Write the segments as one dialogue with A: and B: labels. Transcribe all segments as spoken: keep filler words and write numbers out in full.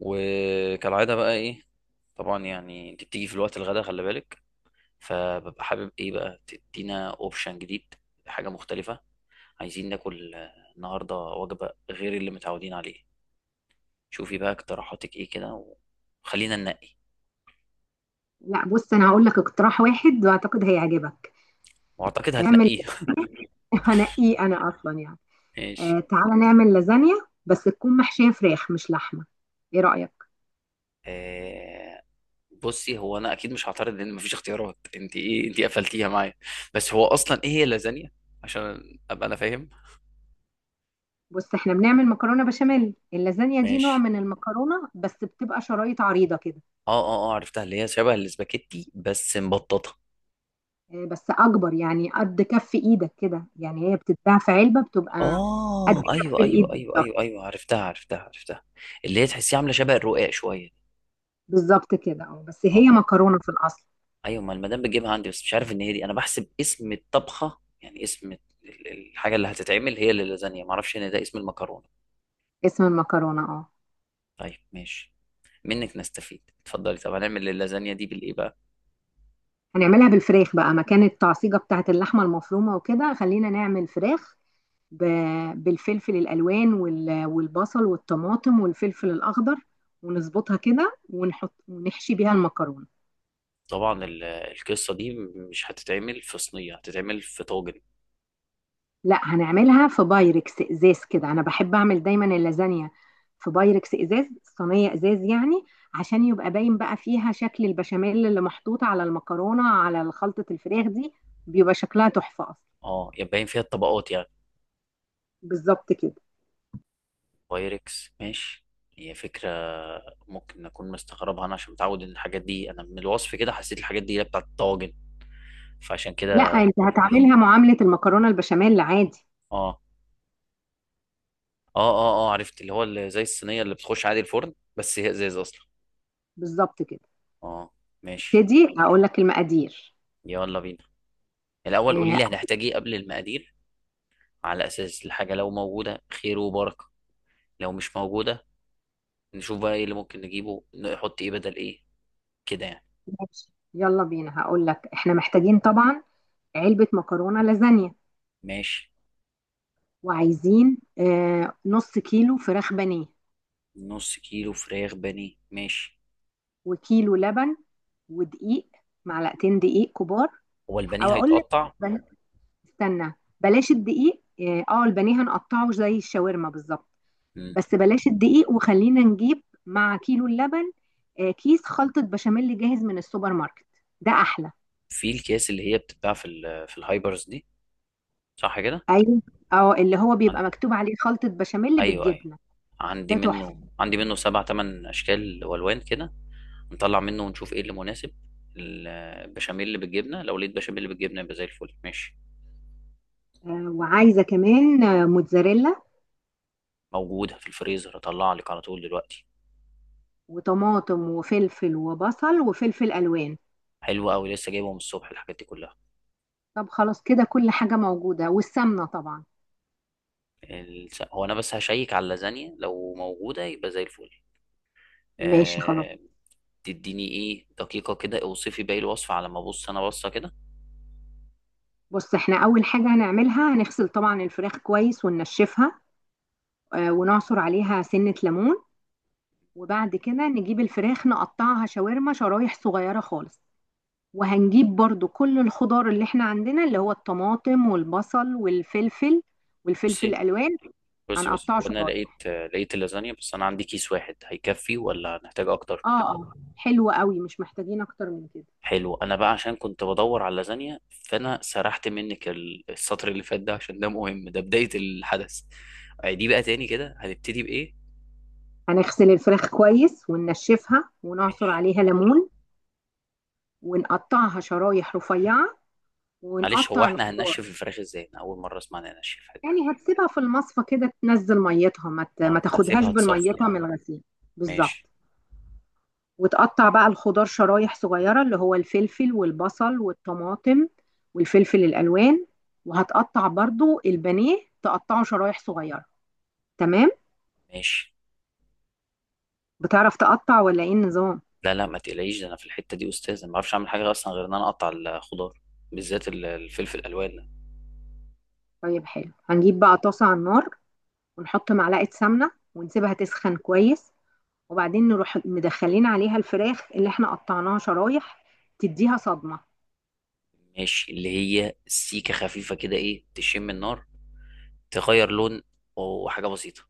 A: وكالعادة بقى ايه؟ طبعا يعني انت بتيجي في الوقت الغدا، خلي بالك. فببقى حابب ايه بقى، تدينا اوبشن جديد، حاجة مختلفة. عايزين ناكل آه، النهاردة وجبة غير اللي متعودين عليه. شوفي بقى اقتراحاتك ايه كده، وخلينا ننقي.
B: لا، بص انا هقول لك اقتراح واحد واعتقد هيعجبك.
A: واعتقد
B: اعمل
A: هتنقيه.
B: هنقيه انا اصلا يعني.
A: ماشي.
B: آه، تعالى نعمل لازانيا، بس تكون محشيه فراخ مش لحمه. ايه رايك؟
A: آه. بصي هو انا اكيد مش هعترض، لان مفيش اختيارات انت، ايه انت قفلتيها معايا. بس هو اصلا ايه هي اللازانيا؟ عشان ابقى انا فاهم.
B: بص، احنا بنعمل مكرونه بشاميل. اللازانيا دي نوع
A: ماشي.
B: من المكرونه، بس بتبقى شرايط عريضه كده.
A: اه اه اه عرفتها، اللي هي شبه الاسباجيتي بس مبططه.
B: آه، بس اكبر يعني قد كف ايدك كده. يعني هي بتتباع في علبه، بتبقى قد
A: اه،
B: كف
A: ايوه ايوه
B: الايد
A: ايوه ايوه
B: بالظبط.
A: ايوه عرفتها، عرفتها، عرفتها. اللي هي تحسيها عامله شبه الرقاق شويه.
B: بالظبط كده، اه، بس هي
A: اه.
B: مكرونه في الاصل.
A: ايوه، ما المدام بتجيبها عندي، بس مش عارف ان هي دي. انا بحسب اسم الطبخه يعني اسم ال- ال- الحاجه اللي هتتعمل هي اللي لازانيا، ما اعرفش ان ده اسم المكرونه.
B: اسم المكرونه، اه.
A: طيب ماشي، منك نستفيد، اتفضلي. طب هنعمل اللازانيا دي بالايه بقى؟
B: هنعملها بالفراخ بقى مكان التعصيجة بتاعت اللحمة المفرومة، وكده خلينا نعمل فراخ ب- بالفلفل الألوان وال- والبصل والطماطم والفلفل الأخضر، ونظبطها كده ونحط ونحشي بيها المكرونة.
A: طبعا ال- القصه دي مش هتتعمل في صينيه، هتتعمل في طاجن؟
B: لا، هنعملها في بايركس إزاز كده. أنا بحب أعمل دايما اللازانيا في بايركس إزاز، صينية إزاز يعني، عشان يبقى باين بقى فيها شكل البشاميل اللي محطوط على المكرونة على خلطة الفراخ دي. بيبقى شكلها تحفة أصلا.
A: اه، يبقى باين فيها الطبقات يعني.
B: بالظبط كده.
A: بايركس، ماشي. هي فكرة، ممكن أكون مستغربها أنا عشان متعود إن الحاجات دي. أنا من الوصف كده حسيت الحاجات دي هي بتاعت الطواجن، فعشان
B: لا،
A: كده.
B: انت هتعملها معاملة المكرونة البشاميل عادي.
A: آه آه آه آه عرفت، اللي هو اللي زي الصينية اللي بتخش عادي الفرن، بس هي إزاز أصلا.
B: بالظبط كده.
A: آه. ماشي.
B: ابتدي هقول لك المقادير.
A: يلا بينا، الأول قولي
B: آه،
A: لي هنحتاج إيه قبل المقادير. على أساس الحاجة لو موجودة، خير وبركة. لو مش موجودة، نشوف بقى إيه اللي ممكن نجيبه، نحط إيه بدل إيه. كده يعني.
B: ماشي، يلا بينا. هقول لك، احنا محتاجين طبعا علبة مكرونة لازانيا،
A: ماشي.
B: وعايزين آه، نص كيلو فراخ بانيه،
A: نص كيلو فراخ بانيه، ماشي.
B: وكيلو لبن، ودقيق، معلقتين دقيق كبار.
A: هو البانيه
B: او اقول لك،
A: هيتقطع؟
B: بل- استنى، بلاش الدقيق. اه، آه، البانيه هنقطعه زي الشاورما بالظبط، بس بلاش الدقيق، وخلينا نجيب مع كيلو اللبن آه، كيس خلطة بشاميل جاهز من السوبر ماركت. ده أحلى.
A: في الكيس اللي هي بتتباع في ال في الهايبرز دي، صح كده؟
B: أيوة، أه، اللي هو
A: عن-
B: بيبقى مكتوب عليه خلطة بشاميل
A: ايوه ايوه،
B: بالجبنة.
A: عندي
B: ده تحفة.
A: منه، عندي منه سبع تمن اشكال والوان كده. نطلع منه ونشوف ايه اللي مناسب. البشاميل اللي بالجبنه، لو لقيت بشاميل بالجبنه يبقى زي الفل. ماشي.
B: آه، وعايزة كمان آه، موتزاريلا
A: موجوده في الفريزر، اطلع لك على طول دلوقتي.
B: وطماطم وفلفل وبصل وفلفل ألوان.
A: حلو قوي، لسه جايبه من الصبح الحاجات دي كلها.
B: طب خلاص، كده كل حاجة موجودة، والسمنة طبعا.
A: الس- هو انا بس هشيك على اللازانيا، لو موجوده يبقى زي الفل.
B: ماشي، خلاص.
A: أه... تديني ايه دقيقه كده، اوصفي باقي الوصفه على ما ابص انا بصه كده.
B: بص، احنا أول حاجة هنعملها، هنغسل طبعا الفراخ كويس وننشفها آه، ونعصر عليها سنة ليمون. وبعد كده نجيب الفراخ، نقطعها شاورما شرايح صغيرة خالص. وهنجيب برضو كل الخضار اللي احنا عندنا، اللي هو الطماطم والبصل والفلفل والفلفل
A: بصي
B: الألوان.
A: بصي بصي
B: هنقطعه
A: هو انا لقيت
B: شرايح.
A: لقيت اللازانيا، بس انا عندي كيس واحد، هيكفي ولا هنحتاج اكتر؟
B: اه. اه، حلو قوي، مش محتاجين اكتر من كده.
A: حلو. انا بقى عشان كنت بدور على اللازانيا، فانا سرحت منك ال- السطر اللي فات ده، عشان ده مهم، ده بداية الحدث. دي بقى تاني كده هنبتدي بايه؟
B: هنغسل الفراخ كويس وننشفها ونعصر
A: ماشي.
B: عليها ليمون، ونقطعها شرايح رفيعة،
A: معلش هو
B: ونقطع
A: احنا
B: الخضار.
A: هننشف الفراخ ازاي؟ انا اول مرة اسمع إن ننشفها دي.
B: يعني هتسيبها في المصفى كده تنزل ميتها، ما ت- ما
A: اه،
B: تاخدهاش
A: هسيبها تصفي يعني.
B: بالميتها من الغسيل.
A: ماشي.
B: بالظبط. وتقطع بقى الخضار شرايح صغيرة، اللي هو الفلفل والبصل والطماطم والفلفل الألوان. وهتقطع برضو البانيه، تقطعه شرايح صغيرة. تمام.
A: ماشي.
B: بتعرف تقطع ولا ايه النظام؟
A: لا لا، ما تقلقيش، ده انا في الحتة دي استاذ. انا ما بعرفش اعمل حاجة اصلا غير ان انا اقطع الخضار، بالذات ال- الفلفل الالوان.
B: طيب حلو، هنجيب بقى طاسة على النار، ونحط معلقة سمنة، ونسيبها تسخن كويس. وبعدين نروح مدخلين عليها الفراخ اللي احنا قطعناها شرايح، تديها صدمة.
A: ماشي. اللي هي سيكة خفيفة كده، ايه تشم النار، تغير لون، وحاجة بسيطة.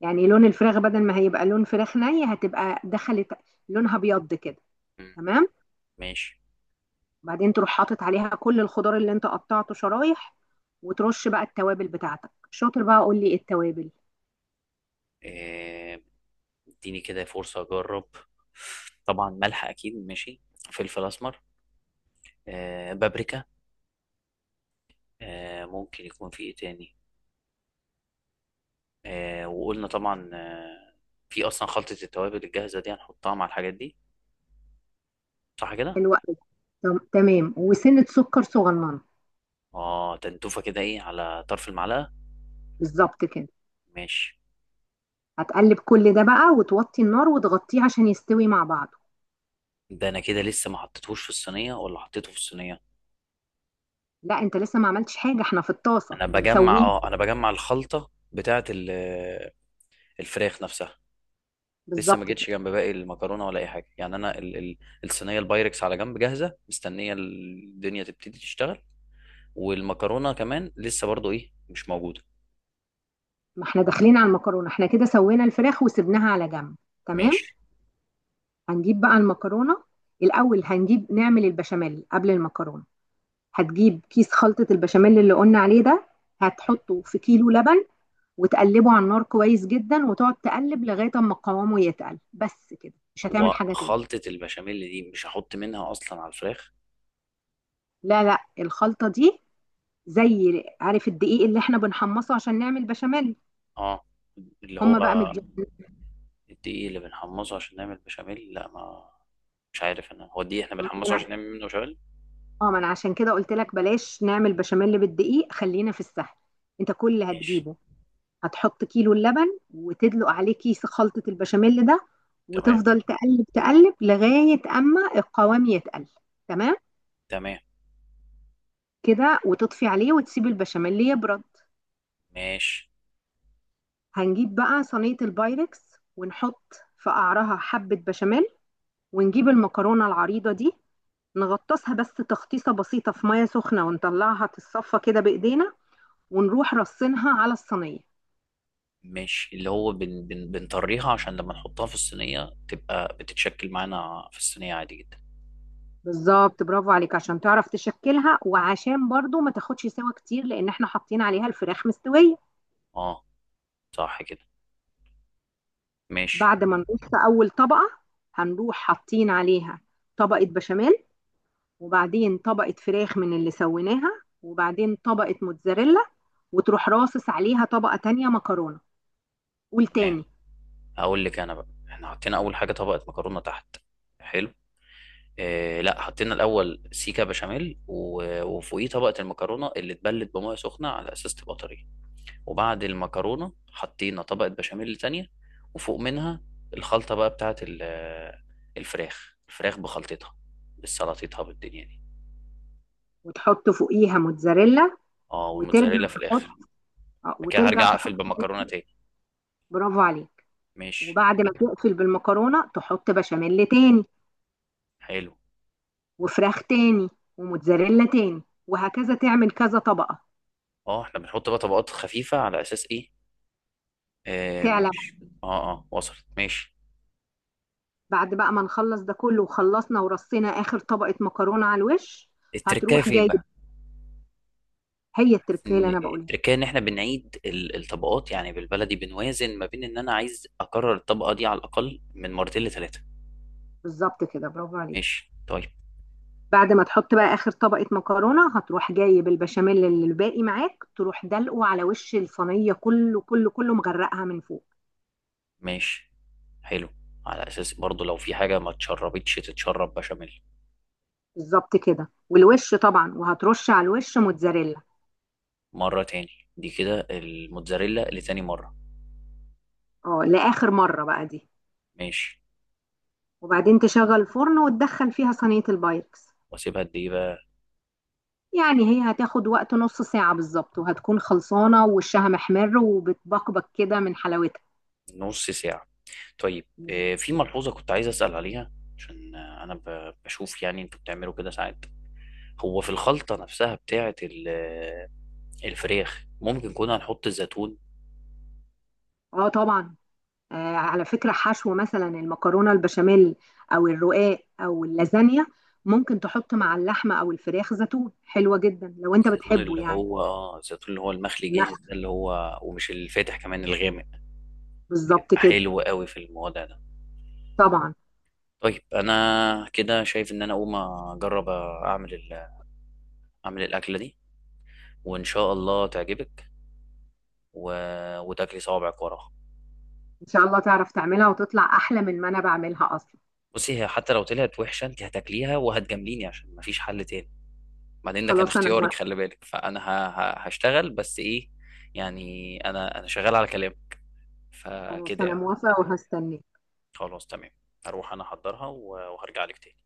B: يعني لون الفراخ، بدل ما هيبقى لون فراخ ني، هتبقى دخلت، لونها بيض كده.
A: مم.
B: تمام.
A: ماشي.
B: وبعدين تروح حاطط عليها كل الخضار اللي انت قطعته شرايح، وترش بقى التوابل بتاعتك. شاطر بقى، قول لي ايه التوابل.
A: آه، اديني كده فرصة اجرب. طبعا ملح اكيد، ماشي. فلفل اسمر. آه، بابريكا. آه، ممكن يكون في ايه تاني. آه، وقلنا طبعا، آه، في اصلا خلطة التوابل الجاهزة دي، هنحطها مع الحاجات دي، صح كده؟
B: الوقت ده تم- تمام، وسنة سكر صغننة.
A: اه، تنتوفة كده ايه على طرف المعلقة.
B: بالظبط كده.
A: ماشي.
B: هتقلب كل ده بقى، وتوطي النار وتغطيه عشان يستوي مع بعضه.
A: ده انا كده لسه ما حطيتهوش في الصينية ولا حطيته في الصينية؟
B: لا، انت لسه ما عملتش حاجة، احنا في الطاسة
A: انا بجمع،
B: بنسويه.
A: اه انا بجمع الخلطه بتاعه ال- الفراخ نفسها. لسه ما
B: بالظبط كده.
A: جيتش جنب باقي المكرونه ولا اي حاجه، يعني انا ال ال الصينيه البايركس على جنب جاهزه، مستنيه الدنيا تبتدي تشتغل. والمكرونه كمان لسه برضو ايه، مش موجوده.
B: ما احنا داخلين على المكرونة، احنا كده سوينا الفراخ وسبناها على جنب. تمام.
A: ماشي.
B: هنجيب بقى المكرونة. الأول هنجيب نعمل البشاميل قبل المكرونة. هتجيب كيس خلطة البشاميل اللي قلنا عليه ده،
A: مم.
B: هتحطه في كيلو لبن، وتقلبه على النار كويس جدا، وتقعد تقلب لغاية اما قوامه يتقل. بس كده، مش هتعمل
A: هو
B: حاجة تاني.
A: خلطه البشاميل دي مش هحط منها اصلا على الفراخ؟
B: لا لا، الخلطة دي زي، عارف الدقيق اللي احنا بنحمصه عشان نعمل بشاميل؟
A: اه، اللي هو
B: هم بقى مدي
A: الدقيق اللي بنحمصه عشان نعمل بشاميل؟ لا ما، مش عارف انا، هو الدقيق احنا بنحمصه عشان
B: من-
A: نعمل منه بشاميل؟
B: اه، ما انا عشان كده قلت لك بلاش نعمل بشاميل بالدقيق، خلينا في السهل. انت كل اللي
A: ماشي.
B: هتجيبه، هتحط كيلو اللبن وتدلق عليه كيس خلطة البشاميل ده،
A: تمام.
B: وتفضل تقلب تقلب لغاية أما القوام يتقل. تمام
A: تمام.
B: كده، وتطفي عليه وتسيب البشاميل يبرد.
A: ماشي.
B: هنجيب بقى صينية البايركس، ونحط في قعرها حبة بشاميل، ونجيب المكرونة العريضة دي، نغطسها بس تغطيسة بسيطة في مية سخنة، ونطلعها تتصفى كده بإيدينا، ونروح رصينها على الصينية.
A: ماشي، اللي هو بن بن بنطريها عشان لما نحطها في الصينية تبقى بتتشكل معانا في الصينية عادي جدا.
B: بالظبط، برافو عليك، عشان تعرف تشكلها، وعشان برضو ما تاخدش سوا كتير، لان احنا حاطين عليها الفراخ مستوية.
A: اه، صح كده. ماشي.
B: بعد ما نقص اول طبقة، هنروح حاطين عليها طبقة بشاميل، وبعدين طبقة فراخ من اللي سويناها، وبعدين طبقة موتزاريلا، وتروح راصص عليها طبقة تانية مكرونة. قول
A: تمام.
B: تاني.
A: هقول لك انا بقى، احنا حطينا اول حاجة طبقة مكرونة تحت. حلو. آه لا، حطينا الاول سيكا بشاميل، و- وفوقيه طبقة المكرونة اللي اتبلت بمية سخنة على اساس تبقى طرية، وبعد المكرونة حطينا طبقة بشاميل تانية، وفوق منها الخلطة بقى بتاعت ال- الفراخ، الفراخ بخلطتها، بالسلطتها بالدنيا دي.
B: وتحط فوقيها موتزاريلا،
A: اه،
B: وترجع
A: والموتزاريلا في
B: تحط،
A: الاخر.
B: آه،
A: بعد كده
B: وترجع
A: هرجع اقفل
B: تحط.
A: بالمكرونه تاني.
B: برافو عليك.
A: ماشي.
B: وبعد ما تقفل بالمكرونة تحط بشاميل تاني،
A: حلو.
B: وفراخ تاني، وموتزاريلا تاني، وهكذا تعمل كذا طبقة.
A: اه احنا بنحط بقى طبقات خفيفه على اساس ايه. آم،
B: تعلى.
A: ماشي. اه اه، وصلت، ماشي.
B: بعد بقى ما نخلص ده كله، وخلصنا ورصينا آخر طبقة مكرونة على الوش،
A: التركايه
B: هتروح
A: فين
B: جايب.
A: بقى؟
B: هي
A: حاسس
B: التركية اللي
A: ان
B: أنا بقولها.
A: التركايه ان احنا بنعيد ال- الطبقات، يعني بالبلدي بنوازن ما بين ان انا عايز اكرر الطبقه دي على الاقل من مرتين لثلاثه.
B: بالظبط كده، برافو عليك.
A: ماشي طيب.
B: بعد ما تحط بقى آخر طبقة مكرونة، هتروح جايب البشاميل اللي الباقي معاك، تروح دلقه على وش الصينية كله كله كله، مغرقها من فوق.
A: ماشي. حلو. على اساس برضو لو في حاجه ما اتشربتش، تتشرب بشاميل.
B: بالظبط كده. والوش طبعا، وهترش على الوش موتزاريلا.
A: مره تاني دي كده، الموتزاريلا لتاني مره.
B: اه، لآخر مرة بقى دي.
A: ماشي.
B: وبعدين تشغل الفرن وتدخل فيها صينية البايركس.
A: واسيبها قد ايه بقى؟
B: يعني هي هتاخد وقت نص ساعة بالظبط، وهتكون خلصانة ووشها محمر وبتبقبق كده من حلاوتها.
A: نص ساعة. طيب، آه، في ملحوظة كنت عايز أسأل عليها، عشان آه، أنا ب- بشوف يعني أنتوا بتعملوا كده ساعات. هو في الخلطة نفسها بتاعة ال- آه، الفراخ، ممكن كنا هنحط الزيتون؟
B: اه طبعا. آه على فكرة، حشو مثلا المكرونة البشاميل او الرقاق او اللازانيا، ممكن تحط مع اللحمة او الفراخ زيتون، حلوة جدا لو انت
A: الزيتون
B: بتحبه
A: اللي
B: يعني.
A: هو اه، الزيتون اللي هو المخلي
B: المخ.
A: جاهز ده، اللي هو ومش الفاتح، كمان الغامق.
B: بالظبط
A: بيبقى
B: كده.
A: حلو قوي في الموضوع ده.
B: طبعا
A: طيب انا كده شايف ان انا اقوم اجرب اعمل ال- اعمل الاكله دي، وان شاء الله تعجبك، و... وتاكلي صوابعك وراها.
B: ان شاء الله تعرف تعملها وتطلع احلى من ما انا بعملها اصلا.
A: بصي هي حتى لو طلعت وحشه، انت هتاكليها وهتجامليني عشان مفيش حل تاني. بعدين ده كان
B: خلاص انا
A: اختيارك،
B: موافقة.
A: خلي بالك. فانا ه... ه... هشتغل بس ايه، يعني انا انا شغال على كلام،
B: خلاص
A: فكده
B: انا
A: يعني.
B: موافقة وهستناك.
A: خلاص تمام. هروح انا احضرها، و- وهرجع لك تاني.